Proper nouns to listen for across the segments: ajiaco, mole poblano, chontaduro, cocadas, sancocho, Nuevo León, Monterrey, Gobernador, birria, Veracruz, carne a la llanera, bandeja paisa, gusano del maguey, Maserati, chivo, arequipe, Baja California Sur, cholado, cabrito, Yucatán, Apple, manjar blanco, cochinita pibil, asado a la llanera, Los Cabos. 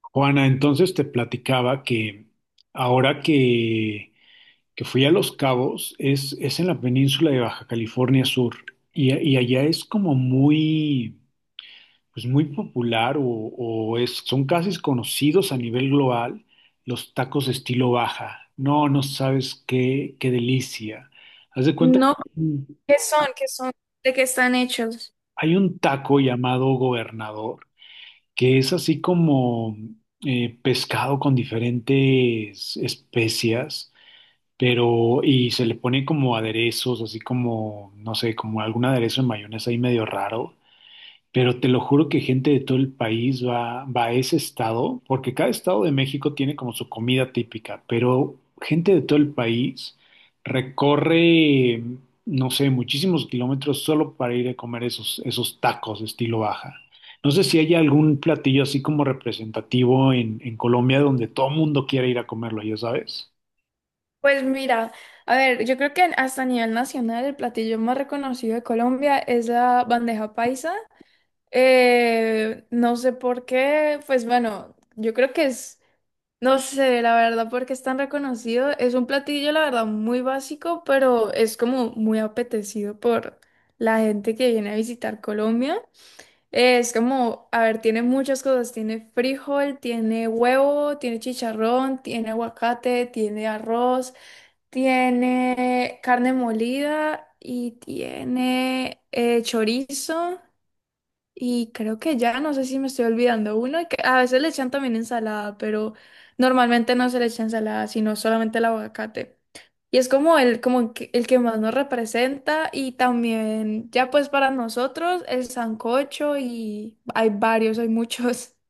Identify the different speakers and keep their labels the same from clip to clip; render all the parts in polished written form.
Speaker 1: Juana, entonces te platicaba que ahora que fui a Los Cabos es en la península de Baja California Sur y, y allá es como pues muy popular o son casi conocidos a nivel global los tacos estilo Baja. No sabes qué delicia. Haz de cuenta
Speaker 2: No,
Speaker 1: que
Speaker 2: ¿qué son? ¿Qué son? ¿De qué están hechos?
Speaker 1: hay un taco llamado Gobernador que es así como pescado con diferentes especias, pero y se le pone como aderezos, así como, no sé, como algún aderezo de mayonesa ahí medio raro. Pero te lo juro que gente de todo el país va a ese estado, porque cada estado de México tiene como su comida típica, pero gente de todo el país recorre, no sé, muchísimos kilómetros solo para ir a comer esos tacos de estilo baja. No sé si hay algún platillo así como representativo en Colombia donde todo el mundo quiera ir a comerlo, ya sabes.
Speaker 2: Pues mira, a ver, yo creo que hasta a nivel nacional el platillo más reconocido de Colombia es la bandeja paisa. No sé por qué, pues bueno, yo creo que es, no sé, la verdad, por qué es tan reconocido. Es un platillo, la verdad, muy básico, pero es como muy apetecido por la gente que viene a visitar Colombia. Es como, a ver, tiene muchas cosas. Tiene frijol, tiene huevo, tiene chicharrón, tiene aguacate, tiene arroz, tiene carne molida y tiene chorizo. Y creo que ya, no sé si me estoy olvidando uno, y que a veces le echan también ensalada, pero normalmente no se le echa ensalada, sino solamente el aguacate. Y es como el, como que- el que más nos representa y también ya pues para nosotros el sancocho y hay varios, hay muchos.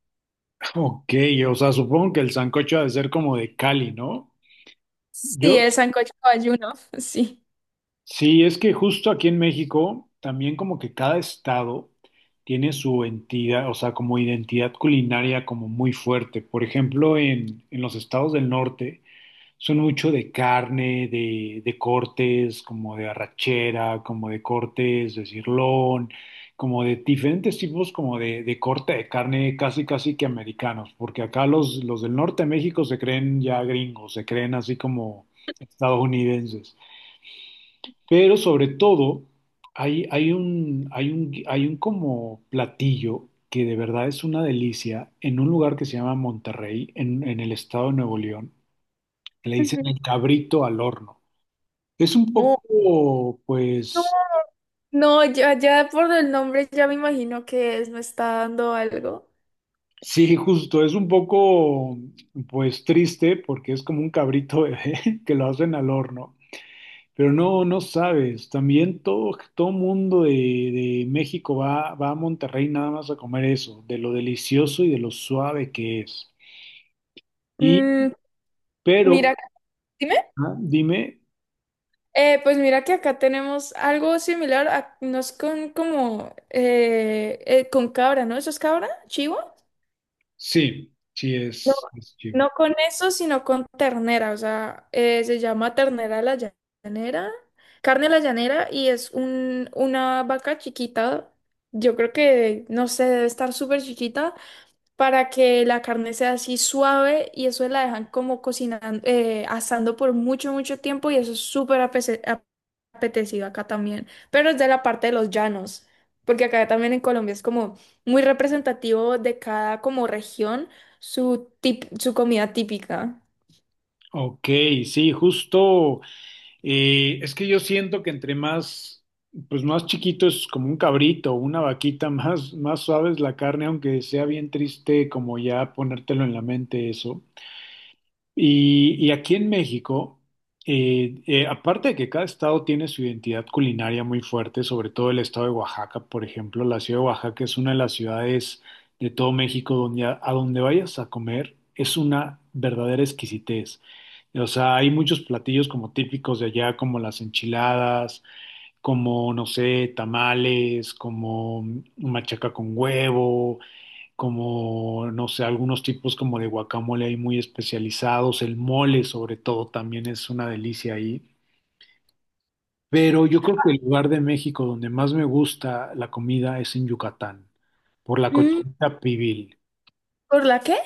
Speaker 1: Ok, o sea, supongo que el sancocho ha de ser como de Cali, ¿no?
Speaker 2: Sí,
Speaker 1: Yo,
Speaker 2: el sancocho ayuno, sí.
Speaker 1: sí, es que justo aquí en México, también como que cada estado tiene su entidad, o sea, como identidad culinaria como muy fuerte. Por ejemplo, en los estados del norte son mucho de carne, de cortes, como de arrachera, como de cortes de cirlón, como de diferentes tipos como de corte de carne casi casi que americanos, porque acá los del norte de México se creen ya gringos, se creen así como estadounidenses. Pero sobre todo, hay un como platillo que de verdad es una delicia en un lugar que se llama Monterrey, en el estado de Nuevo León. Le dicen el cabrito al horno. Es un
Speaker 2: Oh,
Speaker 1: poco,
Speaker 2: no,
Speaker 1: pues,
Speaker 2: no, ya, ya por el nombre ya me imagino que es, me está dando algo.
Speaker 1: sí, justo, es un poco, pues, triste porque es como un cabrito bebé que lo hacen al horno. Pero no, no sabes, también todo mundo de México va a Monterrey nada más a comer eso, de lo delicioso y de lo suave que es. Y,
Speaker 2: Mm,
Speaker 1: pero,
Speaker 2: mira, dime.
Speaker 1: ah, dime,
Speaker 2: Pues mira que acá tenemos algo similar, a- no es con como con cabra, ¿no? ¿Eso es cabra? ¿Chivo?
Speaker 1: sí,
Speaker 2: No,
Speaker 1: es chivo.
Speaker 2: no con eso, sino con ternera, o sea, se llama ternera a la llanera, carne a la llanera y es un, una vaca chiquita, yo creo que, no sé, debe estar súper chiquita para que la carne sea así suave y eso la dejan como cocinando, asando por mucho, mucho tiempo y eso es súper apese- ap- apetecido acá también, pero es de la parte de los llanos, porque acá también en Colombia es como muy representativo de cada como región su, tip- su comida típica.
Speaker 1: Ok, sí, justo, es que yo siento que entre más, pues más chiquito es como un cabrito, una vaquita, más suave es la carne, aunque sea bien triste como ya ponértelo en la mente eso. Y aquí en México, aparte de que cada estado tiene su identidad culinaria muy fuerte, sobre todo el estado de Oaxaca, por ejemplo, la ciudad de Oaxaca es una de las ciudades de todo México donde a donde vayas a comer es una verdadera exquisitez. O sea, hay muchos platillos como típicos de allá, como las enchiladas, como, no sé, tamales, como machaca con huevo como, no sé, algunos tipos como de guacamole ahí muy especializados, el mole sobre todo también es una delicia ahí. Pero yo creo que el lugar de México donde más me gusta la comida es en Yucatán, por la
Speaker 2: Mm,
Speaker 1: cochinita pibil.
Speaker 2: ¿por la qué?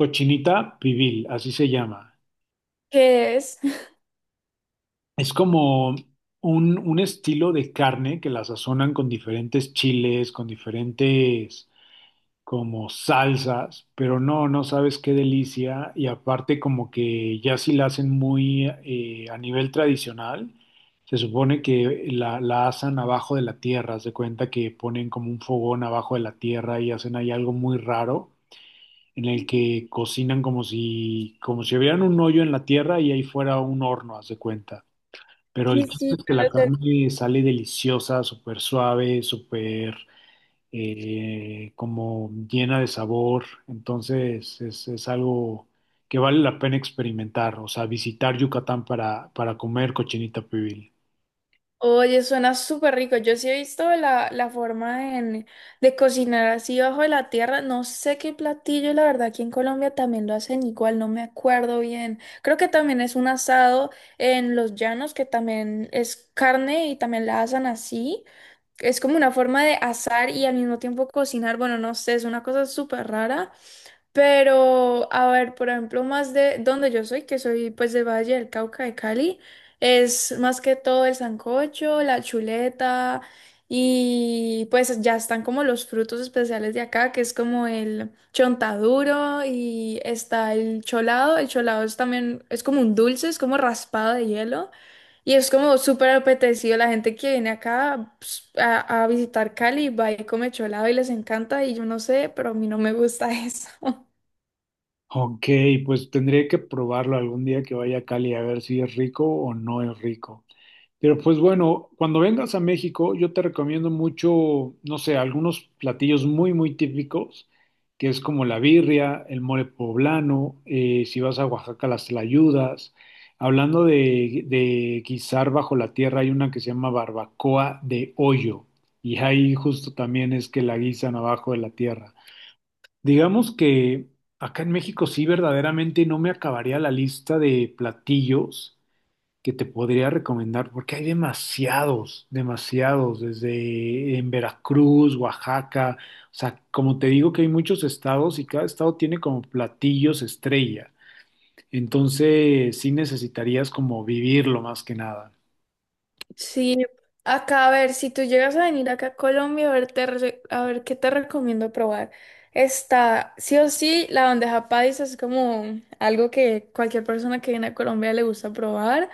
Speaker 1: Cochinita pibil, así se llama.
Speaker 2: ¿Qué es?
Speaker 1: Es como un estilo de carne que la sazonan con diferentes chiles, con diferentes como salsas, pero no, no sabes qué delicia. Y aparte como que ya si la hacen muy a nivel tradicional, se supone que la asan abajo de la tierra. Se cuenta que ponen como un fogón abajo de la tierra y hacen ahí algo muy raro en el que cocinan como si hubieran un hoyo en la tierra y ahí fuera un horno, haz de cuenta. Pero el
Speaker 2: Sí,
Speaker 1: chiste
Speaker 2: sí.
Speaker 1: es que la carne sale deliciosa, súper suave, súper como llena de sabor. Entonces es algo que vale la pena experimentar, o sea, visitar Yucatán para comer cochinita pibil.
Speaker 2: Oye, suena súper rico. Yo sí he visto la, la forma en- de cocinar así bajo de la tierra. No sé qué platillo, la verdad, aquí en Colombia también lo hacen igual, no me acuerdo bien. Creo que también es un asado en los llanos, que también es carne y también la asan así. Es como una forma de asar y al mismo tiempo cocinar. Bueno, no sé, es una cosa súper rara. Pero, a ver, por ejemplo, más de donde yo soy, que soy pues del Valle del Cauca de Cali, es más que todo el sancocho, la chuleta y pues ya están como los frutos especiales de acá, que es como el chontaduro y está el cholado. El cholado es también, es como un dulce, es como raspado de hielo. Y es como súper apetecido. La gente que viene acá ps, a visitar Cali va y come cholado y les encanta. Y yo no sé, pero a mí no me gusta eso.
Speaker 1: Ok, pues tendré que probarlo algún día que vaya a Cali a ver si es rico o no es rico. Pero pues bueno, cuando vengas a México, yo te recomiendo mucho, no sé, algunos platillos muy típicos, que es como la birria, el mole poblano, si vas a Oaxaca, las tlayudas. Hablando de guisar bajo la tierra, hay una que se llama barbacoa de hoyo, y ahí justo también es que la guisan abajo de la tierra. Digamos que acá en México sí verdaderamente no me acabaría la lista de platillos que te podría recomendar, porque hay demasiados, demasiados, desde en Veracruz, Oaxaca, o sea, como te digo que hay muchos estados y cada estado tiene como platillos estrella, entonces sí necesitarías como vivirlo más que nada.
Speaker 2: Sí, acá a ver, si tú llegas a venir acá a Colombia, a ver, te re- a ver qué te recomiendo probar. Está, sí o sí, la bandeja paisa es como algo que cualquier persona que viene a Colombia le gusta probar.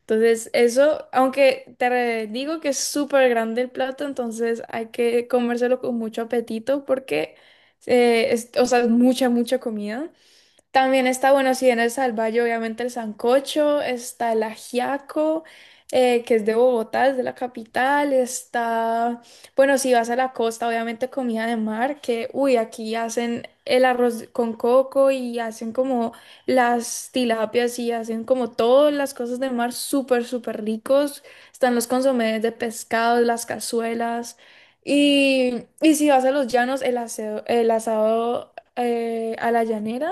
Speaker 2: Entonces, eso, aunque te re- digo que es súper grande el plato, entonces hay que comérselo con mucho apetito porque, es- o sea, es mucha, mucha comida. También está, bueno, si en el Salvalle, obviamente el sancocho, está el ajiaco, que es de Bogotá, es de la capital, está, bueno, si vas a la costa, obviamente comida de mar, que, uy, aquí hacen el arroz con coco y hacen como las tilapias y hacen como todas las cosas de mar súper, súper ricos. Están los consomés de pescado, las cazuelas. Y si vas a los llanos, el aseo- el asado a la llanera.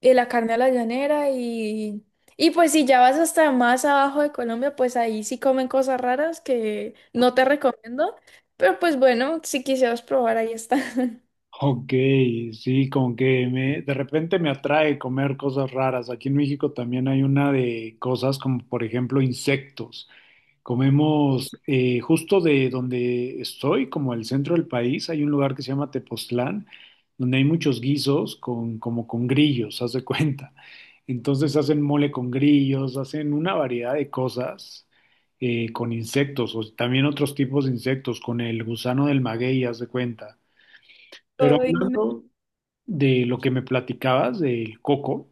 Speaker 2: Y la carne a la llanera y... Y pues si ya vas hasta más abajo de Colombia, pues ahí sí comen cosas raras que no te recomiendo. Pero pues bueno, si quisieras probar, ahí está.
Speaker 1: Ok, sí, como que me, de repente me atrae comer cosas raras. Aquí en México también hay una de cosas como, por ejemplo, insectos. Comemos justo de donde estoy, como el centro del país, hay un lugar que se llama Tepoztlán, donde hay muchos guisos con, como con grillos, haz de cuenta. Entonces hacen mole con grillos, hacen una variedad de cosas con insectos, o también otros tipos de insectos, con el gusano del maguey, haz de cuenta. Pero
Speaker 2: Ay, no.
Speaker 1: hablando de lo que me platicabas del coco,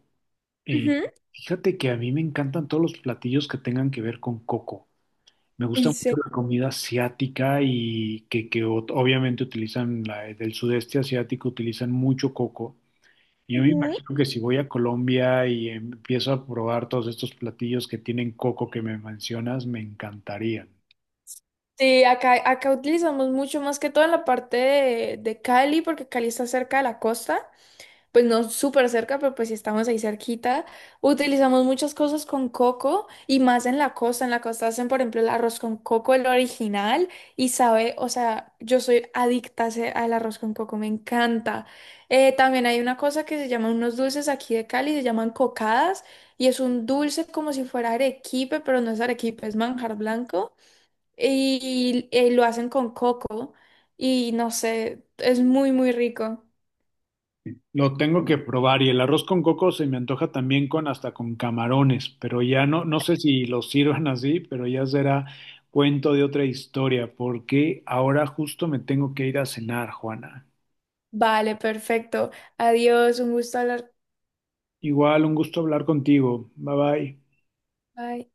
Speaker 1: eh,
Speaker 2: Ujú.
Speaker 1: fíjate que a mí me encantan todos los platillos que tengan que ver con coco. Me gusta
Speaker 2: ¿En
Speaker 1: mucho
Speaker 2: serio?
Speaker 1: la comida asiática obviamente utilizan la del sudeste asiático, utilizan mucho coco. Yo me
Speaker 2: Ujú.
Speaker 1: imagino que si voy a Colombia y empiezo a probar todos estos platillos que tienen coco que me mencionas, me encantarían.
Speaker 2: Sí, acá, acá utilizamos mucho más que todo en la parte de Cali, porque Cali está cerca de la costa. Pues no súper cerca, pero pues sí estamos ahí cerquita. Utilizamos muchas cosas con coco y más en la costa. En la costa hacen, por ejemplo, el arroz con coco, el original, y sabe, o sea, yo soy adicta a ese- al arroz con coco, me encanta. También hay una cosa que se llaman unos dulces aquí de Cali, se llaman cocadas, y es un dulce como si fuera arequipe, pero no es arequipe, es manjar blanco, y, lo hacen con coco, y no sé, es muy, muy rico.
Speaker 1: Lo tengo que probar y el arroz con coco se me antoja también con hasta con camarones, pero ya no, no sé si lo sirvan así, pero ya será cuento de otra historia, porque ahora justo me tengo que ir a cenar, Juana.
Speaker 2: Vale, perfecto. Adiós, un gusto hablar.
Speaker 1: Igual, un gusto hablar contigo. Bye bye.
Speaker 2: Bye.